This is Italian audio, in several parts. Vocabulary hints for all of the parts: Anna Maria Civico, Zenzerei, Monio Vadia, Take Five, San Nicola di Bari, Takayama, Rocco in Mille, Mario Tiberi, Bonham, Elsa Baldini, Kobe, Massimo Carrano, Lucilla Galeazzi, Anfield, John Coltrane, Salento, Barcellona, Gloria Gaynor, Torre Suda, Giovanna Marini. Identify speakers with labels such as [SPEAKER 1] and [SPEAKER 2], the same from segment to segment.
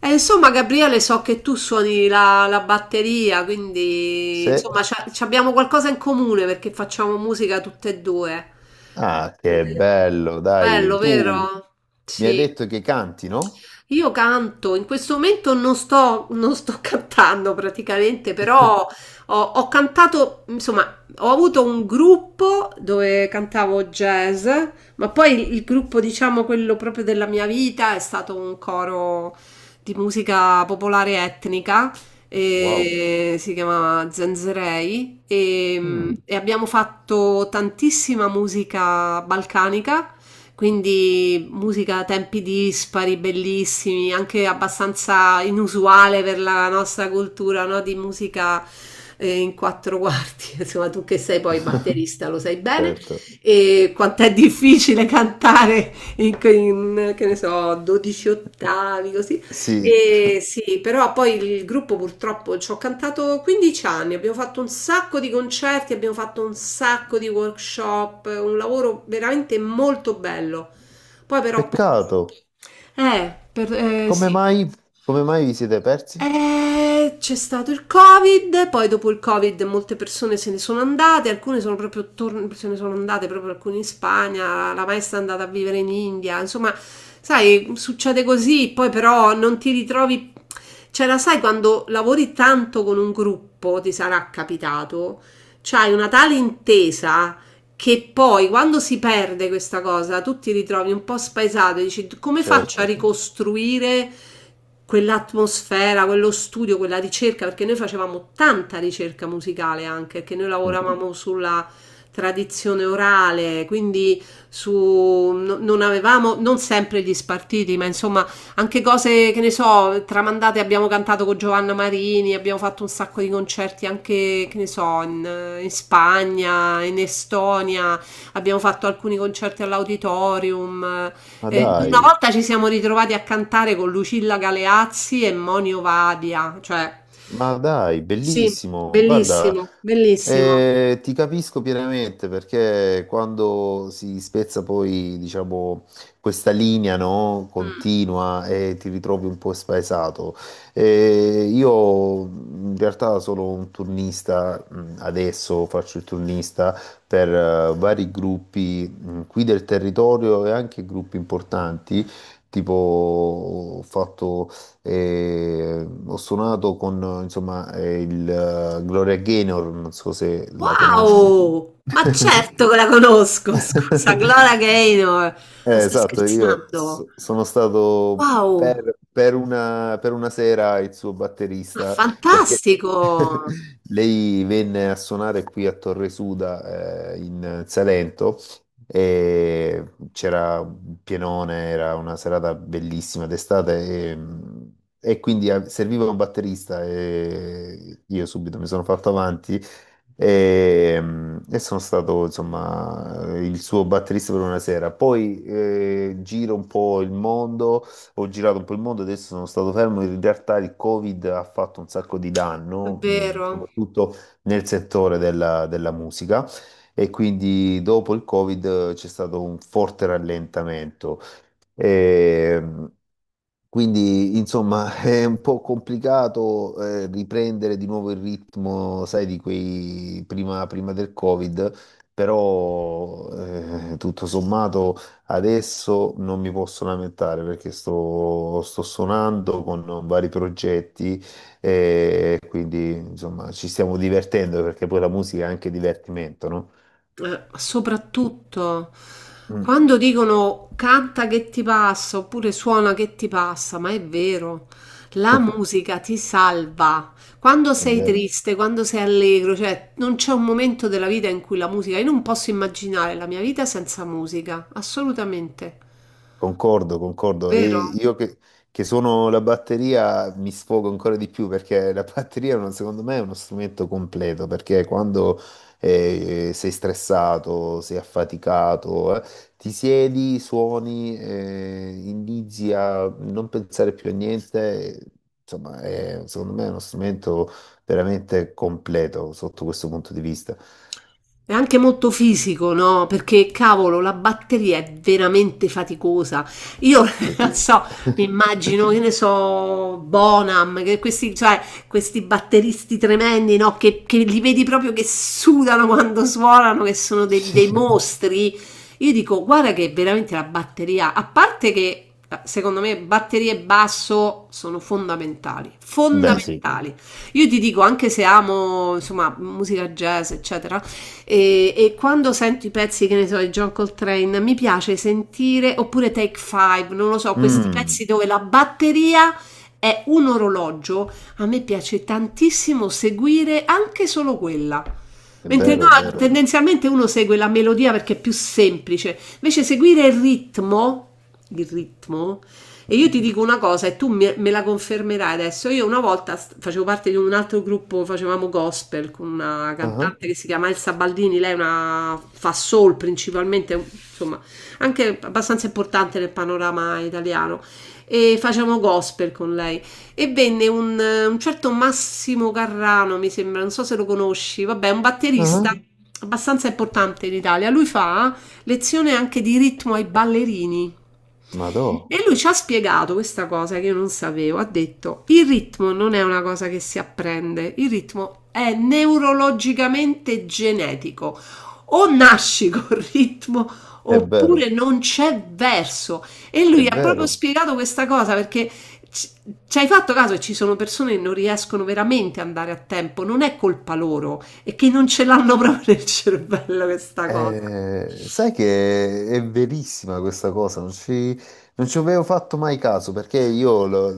[SPEAKER 1] E insomma, Gabriele, so che tu suoni la batteria, quindi
[SPEAKER 2] Se...
[SPEAKER 1] insomma, ci abbiamo qualcosa in comune perché facciamo musica tutte e due.
[SPEAKER 2] Ah,
[SPEAKER 1] Sì.
[SPEAKER 2] che bello, dai.
[SPEAKER 1] Bello,
[SPEAKER 2] Tu
[SPEAKER 1] vero?
[SPEAKER 2] mi hai
[SPEAKER 1] Sì.
[SPEAKER 2] detto che canti, no?
[SPEAKER 1] Io canto, in questo momento non sto cantando praticamente, però ho cantato, insomma, ho avuto un gruppo dove cantavo jazz, ma poi il gruppo, diciamo, quello proprio della mia vita è stato un coro di musica popolare etnica,
[SPEAKER 2] Wow.
[SPEAKER 1] e si chiamava Zenzerei, e
[SPEAKER 2] Mm.
[SPEAKER 1] e abbiamo fatto tantissima musica balcanica, quindi musica a tempi dispari, bellissimi, anche abbastanza inusuale per la nostra cultura, no? Di musica in quattro quarti, insomma tu che sei poi batterista lo sai bene,
[SPEAKER 2] Certo.
[SPEAKER 1] e quanto è difficile cantare che ne so, 12 ottavi, così.
[SPEAKER 2] Sì,
[SPEAKER 1] E sì, però poi il gruppo purtroppo ci ho cantato 15 anni, abbiamo fatto un sacco di concerti, abbiamo fatto un sacco di workshop, un lavoro veramente molto bello. Poi però purtroppo...
[SPEAKER 2] peccato. Come
[SPEAKER 1] Sì.
[SPEAKER 2] mai, come mai vi siete persi?
[SPEAKER 1] C'è stato il Covid, poi dopo il Covid molte persone se ne sono andate, alcune se ne sono andate proprio alcune in Spagna, la maestra è andata a vivere in India, insomma, sai, succede così, poi però non ti ritrovi, cioè la sai quando lavori tanto con un gruppo, ti sarà capitato, c'hai una tale intesa che poi quando si perde questa cosa tu ti ritrovi un po' spaesato e dici come faccio a
[SPEAKER 2] Certo.
[SPEAKER 1] ricostruire quell'atmosfera, quello studio, quella ricerca, perché noi facevamo tanta ricerca musicale anche, perché noi
[SPEAKER 2] Mm.
[SPEAKER 1] lavoravamo sulla tradizione orale, quindi su, non avevamo non sempre gli spartiti, ma insomma anche cose che ne so, tramandate, abbiamo cantato con Giovanna Marini, abbiamo fatto un sacco di concerti anche, che ne so, in Spagna, in Estonia, abbiamo fatto alcuni concerti all'auditorium.
[SPEAKER 2] Ma
[SPEAKER 1] Una
[SPEAKER 2] dai,
[SPEAKER 1] volta ci siamo ritrovati a cantare con Lucilla Galeazzi e Monio Vadia, cioè
[SPEAKER 2] ma dai,
[SPEAKER 1] sì,
[SPEAKER 2] bellissimo. Guarda,
[SPEAKER 1] bellissimo, bellissimo.
[SPEAKER 2] Ti capisco pienamente perché quando si spezza poi, diciamo, questa linea, no,
[SPEAKER 1] Mm.
[SPEAKER 2] continua e ti ritrovi un po' spaesato. Io in realtà sono un turnista, adesso faccio il turnista per vari gruppi, qui del territorio e anche gruppi importanti. Tipo, ho fatto e ho suonato con insomma il Gloria Gaynor, non so se la conosci.
[SPEAKER 1] Wow! Ma certo che la conosco, scusa, Gloria Gaynor, ma stai
[SPEAKER 2] Esatto,
[SPEAKER 1] scherzando?
[SPEAKER 2] sono stato
[SPEAKER 1] Wow,
[SPEAKER 2] per una sera il suo
[SPEAKER 1] ma
[SPEAKER 2] batterista perché
[SPEAKER 1] fantastico!
[SPEAKER 2] lei venne a suonare qui a Torre Suda in Salento e c'era un pienone, era una serata bellissima d'estate e, e quindi serviva un batterista e io subito mi sono fatto avanti e, e sono stato insomma il suo batterista per una sera. Poi giro un po' il mondo, ho girato un po' il mondo, adesso sono stato fermo. In realtà il Covid ha fatto un sacco di
[SPEAKER 1] È
[SPEAKER 2] danno,
[SPEAKER 1] vero.
[SPEAKER 2] soprattutto nel settore della, della musica. E quindi dopo il Covid c'è stato un forte rallentamento. Ehm, quindi, insomma, è un po' complicato riprendere di nuovo il ritmo, sai, di quei prima, prima del Covid, però tutto sommato adesso non mi posso lamentare perché sto, sto suonando con vari progetti e quindi, insomma, ci stiamo divertendo perché poi la musica è anche divertimento, no?
[SPEAKER 1] Soprattutto
[SPEAKER 2] Mm.
[SPEAKER 1] quando dicono canta che ti passa oppure suona che ti passa, ma è vero, la musica ti salva. Quando
[SPEAKER 2] È
[SPEAKER 1] sei
[SPEAKER 2] vero.
[SPEAKER 1] triste, quando sei allegro, cioè non c'è un momento della vita in cui la musica, io non posso immaginare la mia vita senza musica, assolutamente.
[SPEAKER 2] Concordo, concordo. E
[SPEAKER 1] Vero?
[SPEAKER 2] io che sono la batteria mi sfogo ancora di più perché la batteria, secondo me, è uno strumento completo perché quando sei stressato, sei affaticato, ti siedi, suoni, inizi a non pensare più a niente. Insomma, secondo me è uno strumento veramente completo sotto questo punto di vista.
[SPEAKER 1] È anche molto fisico, no? Perché cavolo, la batteria è veramente faticosa. Io
[SPEAKER 2] Sì.
[SPEAKER 1] so, mi immagino, che ne so, Bonham, che questi, cioè, questi batteristi tremendi, no? Che li vedi proprio che sudano quando suonano, che sono dei
[SPEAKER 2] Sì.
[SPEAKER 1] mostri. Io dico, guarda che veramente la batteria, a parte che secondo me batterie e basso sono fondamentali,
[SPEAKER 2] Beh, sì.
[SPEAKER 1] fondamentali. Io ti dico, anche se amo, insomma, musica jazz, eccetera, e quando sento i pezzi, che ne so, di John Coltrane, mi piace sentire, oppure Take Five, non lo so, questi pezzi
[SPEAKER 2] Mm.
[SPEAKER 1] dove la batteria è un orologio, a me piace tantissimo seguire anche solo quella.
[SPEAKER 2] È
[SPEAKER 1] Mentre no,
[SPEAKER 2] vero, è vero.
[SPEAKER 1] tendenzialmente uno segue la melodia perché è più semplice, invece seguire il ritmo, il ritmo, e io ti dico una cosa e tu me la confermerai adesso. Io una volta facevo parte di un altro gruppo, facevamo gospel con una
[SPEAKER 2] Ah, ah,
[SPEAKER 1] cantante che si chiama Elsa Baldini, lei è una, fa soul principalmente, insomma, anche abbastanza importante nel panorama italiano. E facevamo gospel con lei. E venne un certo Massimo Carrano, mi sembra, non so se lo conosci, vabbè, un batterista
[SPEAKER 2] ah.
[SPEAKER 1] abbastanza importante in Italia. Lui fa lezione anche di ritmo ai ballerini.
[SPEAKER 2] Madò,
[SPEAKER 1] E lui ci ha spiegato questa cosa che io non sapevo. Ha detto: il ritmo non è una cosa che si apprende, il ritmo è neurologicamente genetico. O nasci col ritmo
[SPEAKER 2] è
[SPEAKER 1] oppure
[SPEAKER 2] vero,
[SPEAKER 1] non c'è verso. E
[SPEAKER 2] è
[SPEAKER 1] lui ha proprio
[SPEAKER 2] vero.
[SPEAKER 1] spiegato questa cosa perché ci ci hai fatto caso che ci sono persone che non riescono veramente ad andare a tempo, non è colpa loro, è che non ce l'hanno proprio nel cervello questa cosa.
[SPEAKER 2] Sai che è verissima questa cosa, non ci, non ci avevo fatto mai caso perché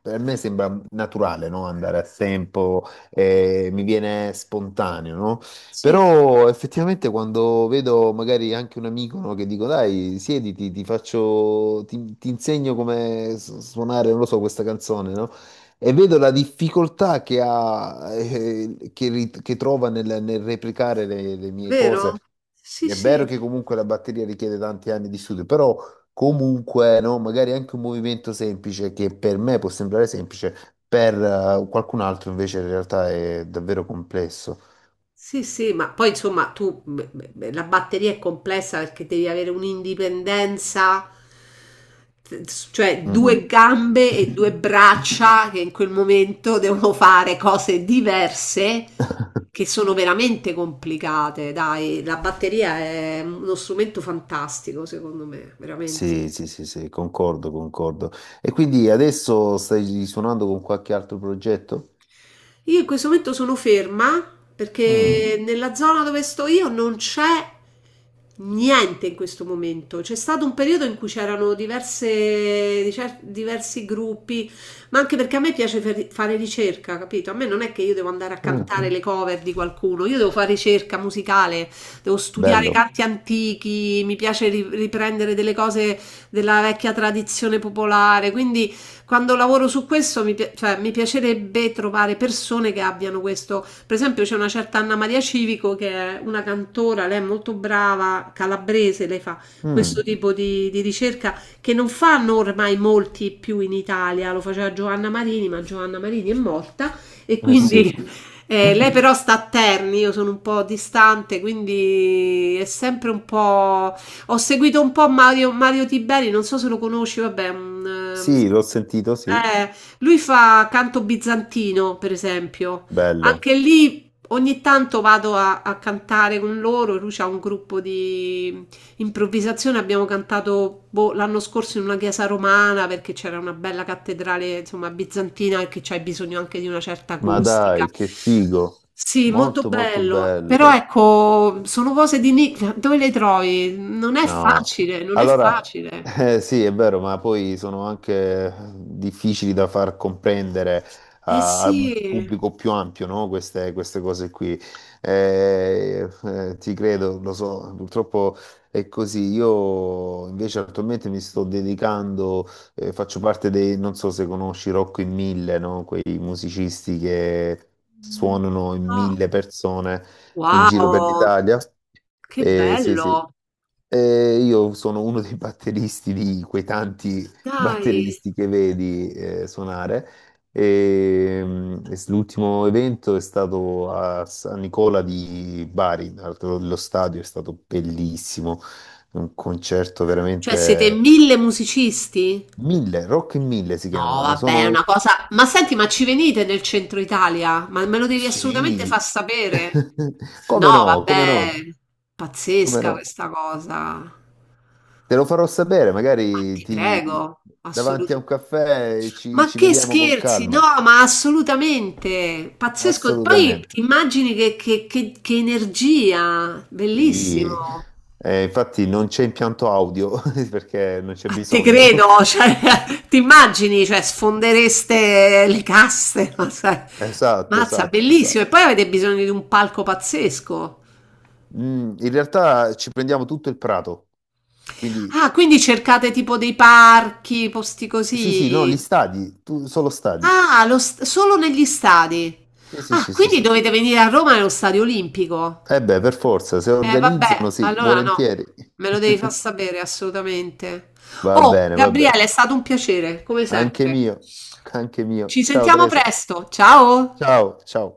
[SPEAKER 2] per me sembra naturale, no? Andare a tempo, mi viene spontaneo, no?
[SPEAKER 1] Sì,
[SPEAKER 2] Però effettivamente quando vedo magari anche un amico, no, che dico, dai, siediti, ti faccio, ti insegno come suonare, non lo so, questa canzone, no? E vedo la difficoltà che ha, che, che trova nel, nel replicare le mie cose.
[SPEAKER 1] vero? Sì,
[SPEAKER 2] È vero
[SPEAKER 1] sì.
[SPEAKER 2] che comunque la batteria richiede tanti anni di studio, però comunque, no, magari anche un movimento semplice che per me può sembrare semplice, per qualcun altro invece in realtà è davvero complesso.
[SPEAKER 1] Sì, sì, ma poi insomma tu beh, la batteria è complessa perché devi avere un'indipendenza, t- cioè
[SPEAKER 2] Mm.
[SPEAKER 1] due gambe e due braccia che in quel momento devono fare cose diverse che sono veramente complicate. Dai, la batteria è uno strumento fantastico, secondo me, veramente.
[SPEAKER 2] Sì, sì, sì, sì, concordo, concordo. E quindi adesso stai suonando con qualche altro progetto?
[SPEAKER 1] Io in questo momento sono ferma
[SPEAKER 2] Mm,
[SPEAKER 1] perché Mhm. nella zona dove sto io non c'è niente in questo momento. C'è stato un periodo in cui c'erano diversi gruppi, ma anche perché a me piace fare ricerca, capito? A me non è che io devo andare a
[SPEAKER 2] mm,
[SPEAKER 1] cantare le cover di qualcuno, io devo fare ricerca musicale, devo studiare
[SPEAKER 2] bello.
[SPEAKER 1] canti antichi, mi piace riprendere delle cose della vecchia tradizione popolare, quindi quando lavoro su questo cioè, mi piacerebbe trovare persone che abbiano questo. Per esempio, c'è una certa Anna Maria Civico che è una cantora, lei è molto brava, calabrese, lei fa questo
[SPEAKER 2] Mm,
[SPEAKER 1] tipo di ricerca che non fanno ormai molti più in Italia, lo faceva Giovanna Marini, ma Giovanna Marini è morta e
[SPEAKER 2] eh sì.
[SPEAKER 1] quindi. Lei però sta a Terni, io sono un po' distante, quindi è sempre un po'. Ho seguito un po' Mario Tiberi, non so se lo conosci, vabbè, un,
[SPEAKER 2] Sì, l'ho sentito, sì.
[SPEAKER 1] eh, lui fa canto bizantino, per esempio. Anche
[SPEAKER 2] Bello.
[SPEAKER 1] lì ogni tanto vado a cantare con loro, lui c'ha un gruppo di improvvisazione, abbiamo cantato boh, l'anno scorso in una chiesa romana perché c'era una bella cattedrale, insomma, bizantina e che c'hai bisogno anche di una certa
[SPEAKER 2] Ma
[SPEAKER 1] acustica.
[SPEAKER 2] dai, che figo.
[SPEAKER 1] Sì, molto
[SPEAKER 2] Molto, molto
[SPEAKER 1] bello. Però
[SPEAKER 2] bello.
[SPEAKER 1] ecco, sono cose di nicchia, dove le trovi? Non è
[SPEAKER 2] No,
[SPEAKER 1] facile, non è
[SPEAKER 2] allora
[SPEAKER 1] facile.
[SPEAKER 2] sì, è vero, ma poi sono anche difficili da far comprendere
[SPEAKER 1] Eh
[SPEAKER 2] a, a
[SPEAKER 1] sì.
[SPEAKER 2] un pubblico più ampio, no? Queste, queste cose qui. Ti credo, lo so, purtroppo è così. Io invece attualmente mi sto dedicando, faccio parte dei, non so se conosci Rocco in Mille, no? Quei musicisti che
[SPEAKER 1] Mm.
[SPEAKER 2] suonano in
[SPEAKER 1] No.
[SPEAKER 2] mille persone in giro per
[SPEAKER 1] Wow,
[SPEAKER 2] l'Italia.
[SPEAKER 1] che
[SPEAKER 2] Sì, sì.
[SPEAKER 1] bello.
[SPEAKER 2] Io sono uno dei batteristi di quei tanti
[SPEAKER 1] Dai.
[SPEAKER 2] batteristi che vedi suonare. L'ultimo evento è stato a San Nicola di Bari, tra l'altro lo stadio è stato bellissimo, un concerto
[SPEAKER 1] Cioè, siete
[SPEAKER 2] veramente
[SPEAKER 1] mille musicisti?
[SPEAKER 2] mille, Rock in mille si
[SPEAKER 1] No,
[SPEAKER 2] chiama.
[SPEAKER 1] vabbè, è
[SPEAKER 2] Sono
[SPEAKER 1] una cosa. Ma senti, ma ci venite nel centro Italia? Ma me lo devi assolutamente
[SPEAKER 2] sì,
[SPEAKER 1] far sapere. No,
[SPEAKER 2] come no, come no,
[SPEAKER 1] vabbè,
[SPEAKER 2] come
[SPEAKER 1] pazzesca
[SPEAKER 2] no.
[SPEAKER 1] questa cosa.
[SPEAKER 2] Te lo farò sapere,
[SPEAKER 1] Ma
[SPEAKER 2] magari
[SPEAKER 1] ti
[SPEAKER 2] ti...
[SPEAKER 1] prego,
[SPEAKER 2] davanti a
[SPEAKER 1] assolutamente.
[SPEAKER 2] un caffè ci,
[SPEAKER 1] Ma
[SPEAKER 2] ci
[SPEAKER 1] che
[SPEAKER 2] vediamo con
[SPEAKER 1] scherzi, no,
[SPEAKER 2] calma.
[SPEAKER 1] ma assolutamente. Pazzesco. Poi
[SPEAKER 2] Assolutamente.
[SPEAKER 1] ti immagini che, che energia,
[SPEAKER 2] Sì.
[SPEAKER 1] bellissimo.
[SPEAKER 2] Infatti non c'è impianto audio perché non c'è
[SPEAKER 1] A te
[SPEAKER 2] bisogno.
[SPEAKER 1] credo, cioè, ti immagini, cioè, sfondereste le casse, ma sai.
[SPEAKER 2] Esatto,
[SPEAKER 1] Mazza,
[SPEAKER 2] esatto,
[SPEAKER 1] bellissimo. E
[SPEAKER 2] esatto.
[SPEAKER 1] poi avete bisogno di un palco pazzesco.
[SPEAKER 2] Mm, in realtà ci prendiamo tutto il prato, quindi
[SPEAKER 1] Ah, quindi cercate tipo dei parchi, posti
[SPEAKER 2] sì, sì, no, gli
[SPEAKER 1] così.
[SPEAKER 2] stadi, tu, solo stadi.
[SPEAKER 1] Ah, solo negli stadi.
[SPEAKER 2] Sì, sì,
[SPEAKER 1] Ah,
[SPEAKER 2] sì, sì,
[SPEAKER 1] quindi
[SPEAKER 2] sì.
[SPEAKER 1] dovete venire a Roma nello stadio olimpico.
[SPEAKER 2] Eh beh, per forza, se
[SPEAKER 1] Vabbè,
[SPEAKER 2] organizzano, sì,
[SPEAKER 1] allora no,
[SPEAKER 2] volentieri.
[SPEAKER 1] me lo devi far sapere assolutamente.
[SPEAKER 2] Va
[SPEAKER 1] Oh,
[SPEAKER 2] bene, va
[SPEAKER 1] Gabriele,
[SPEAKER 2] bene.
[SPEAKER 1] è stato un piacere, come
[SPEAKER 2] Anche
[SPEAKER 1] sempre.
[SPEAKER 2] mio, anche mio.
[SPEAKER 1] Ci
[SPEAKER 2] Ciao
[SPEAKER 1] sentiamo
[SPEAKER 2] Teresa.
[SPEAKER 1] presto. Ciao!
[SPEAKER 2] Ciao, ciao.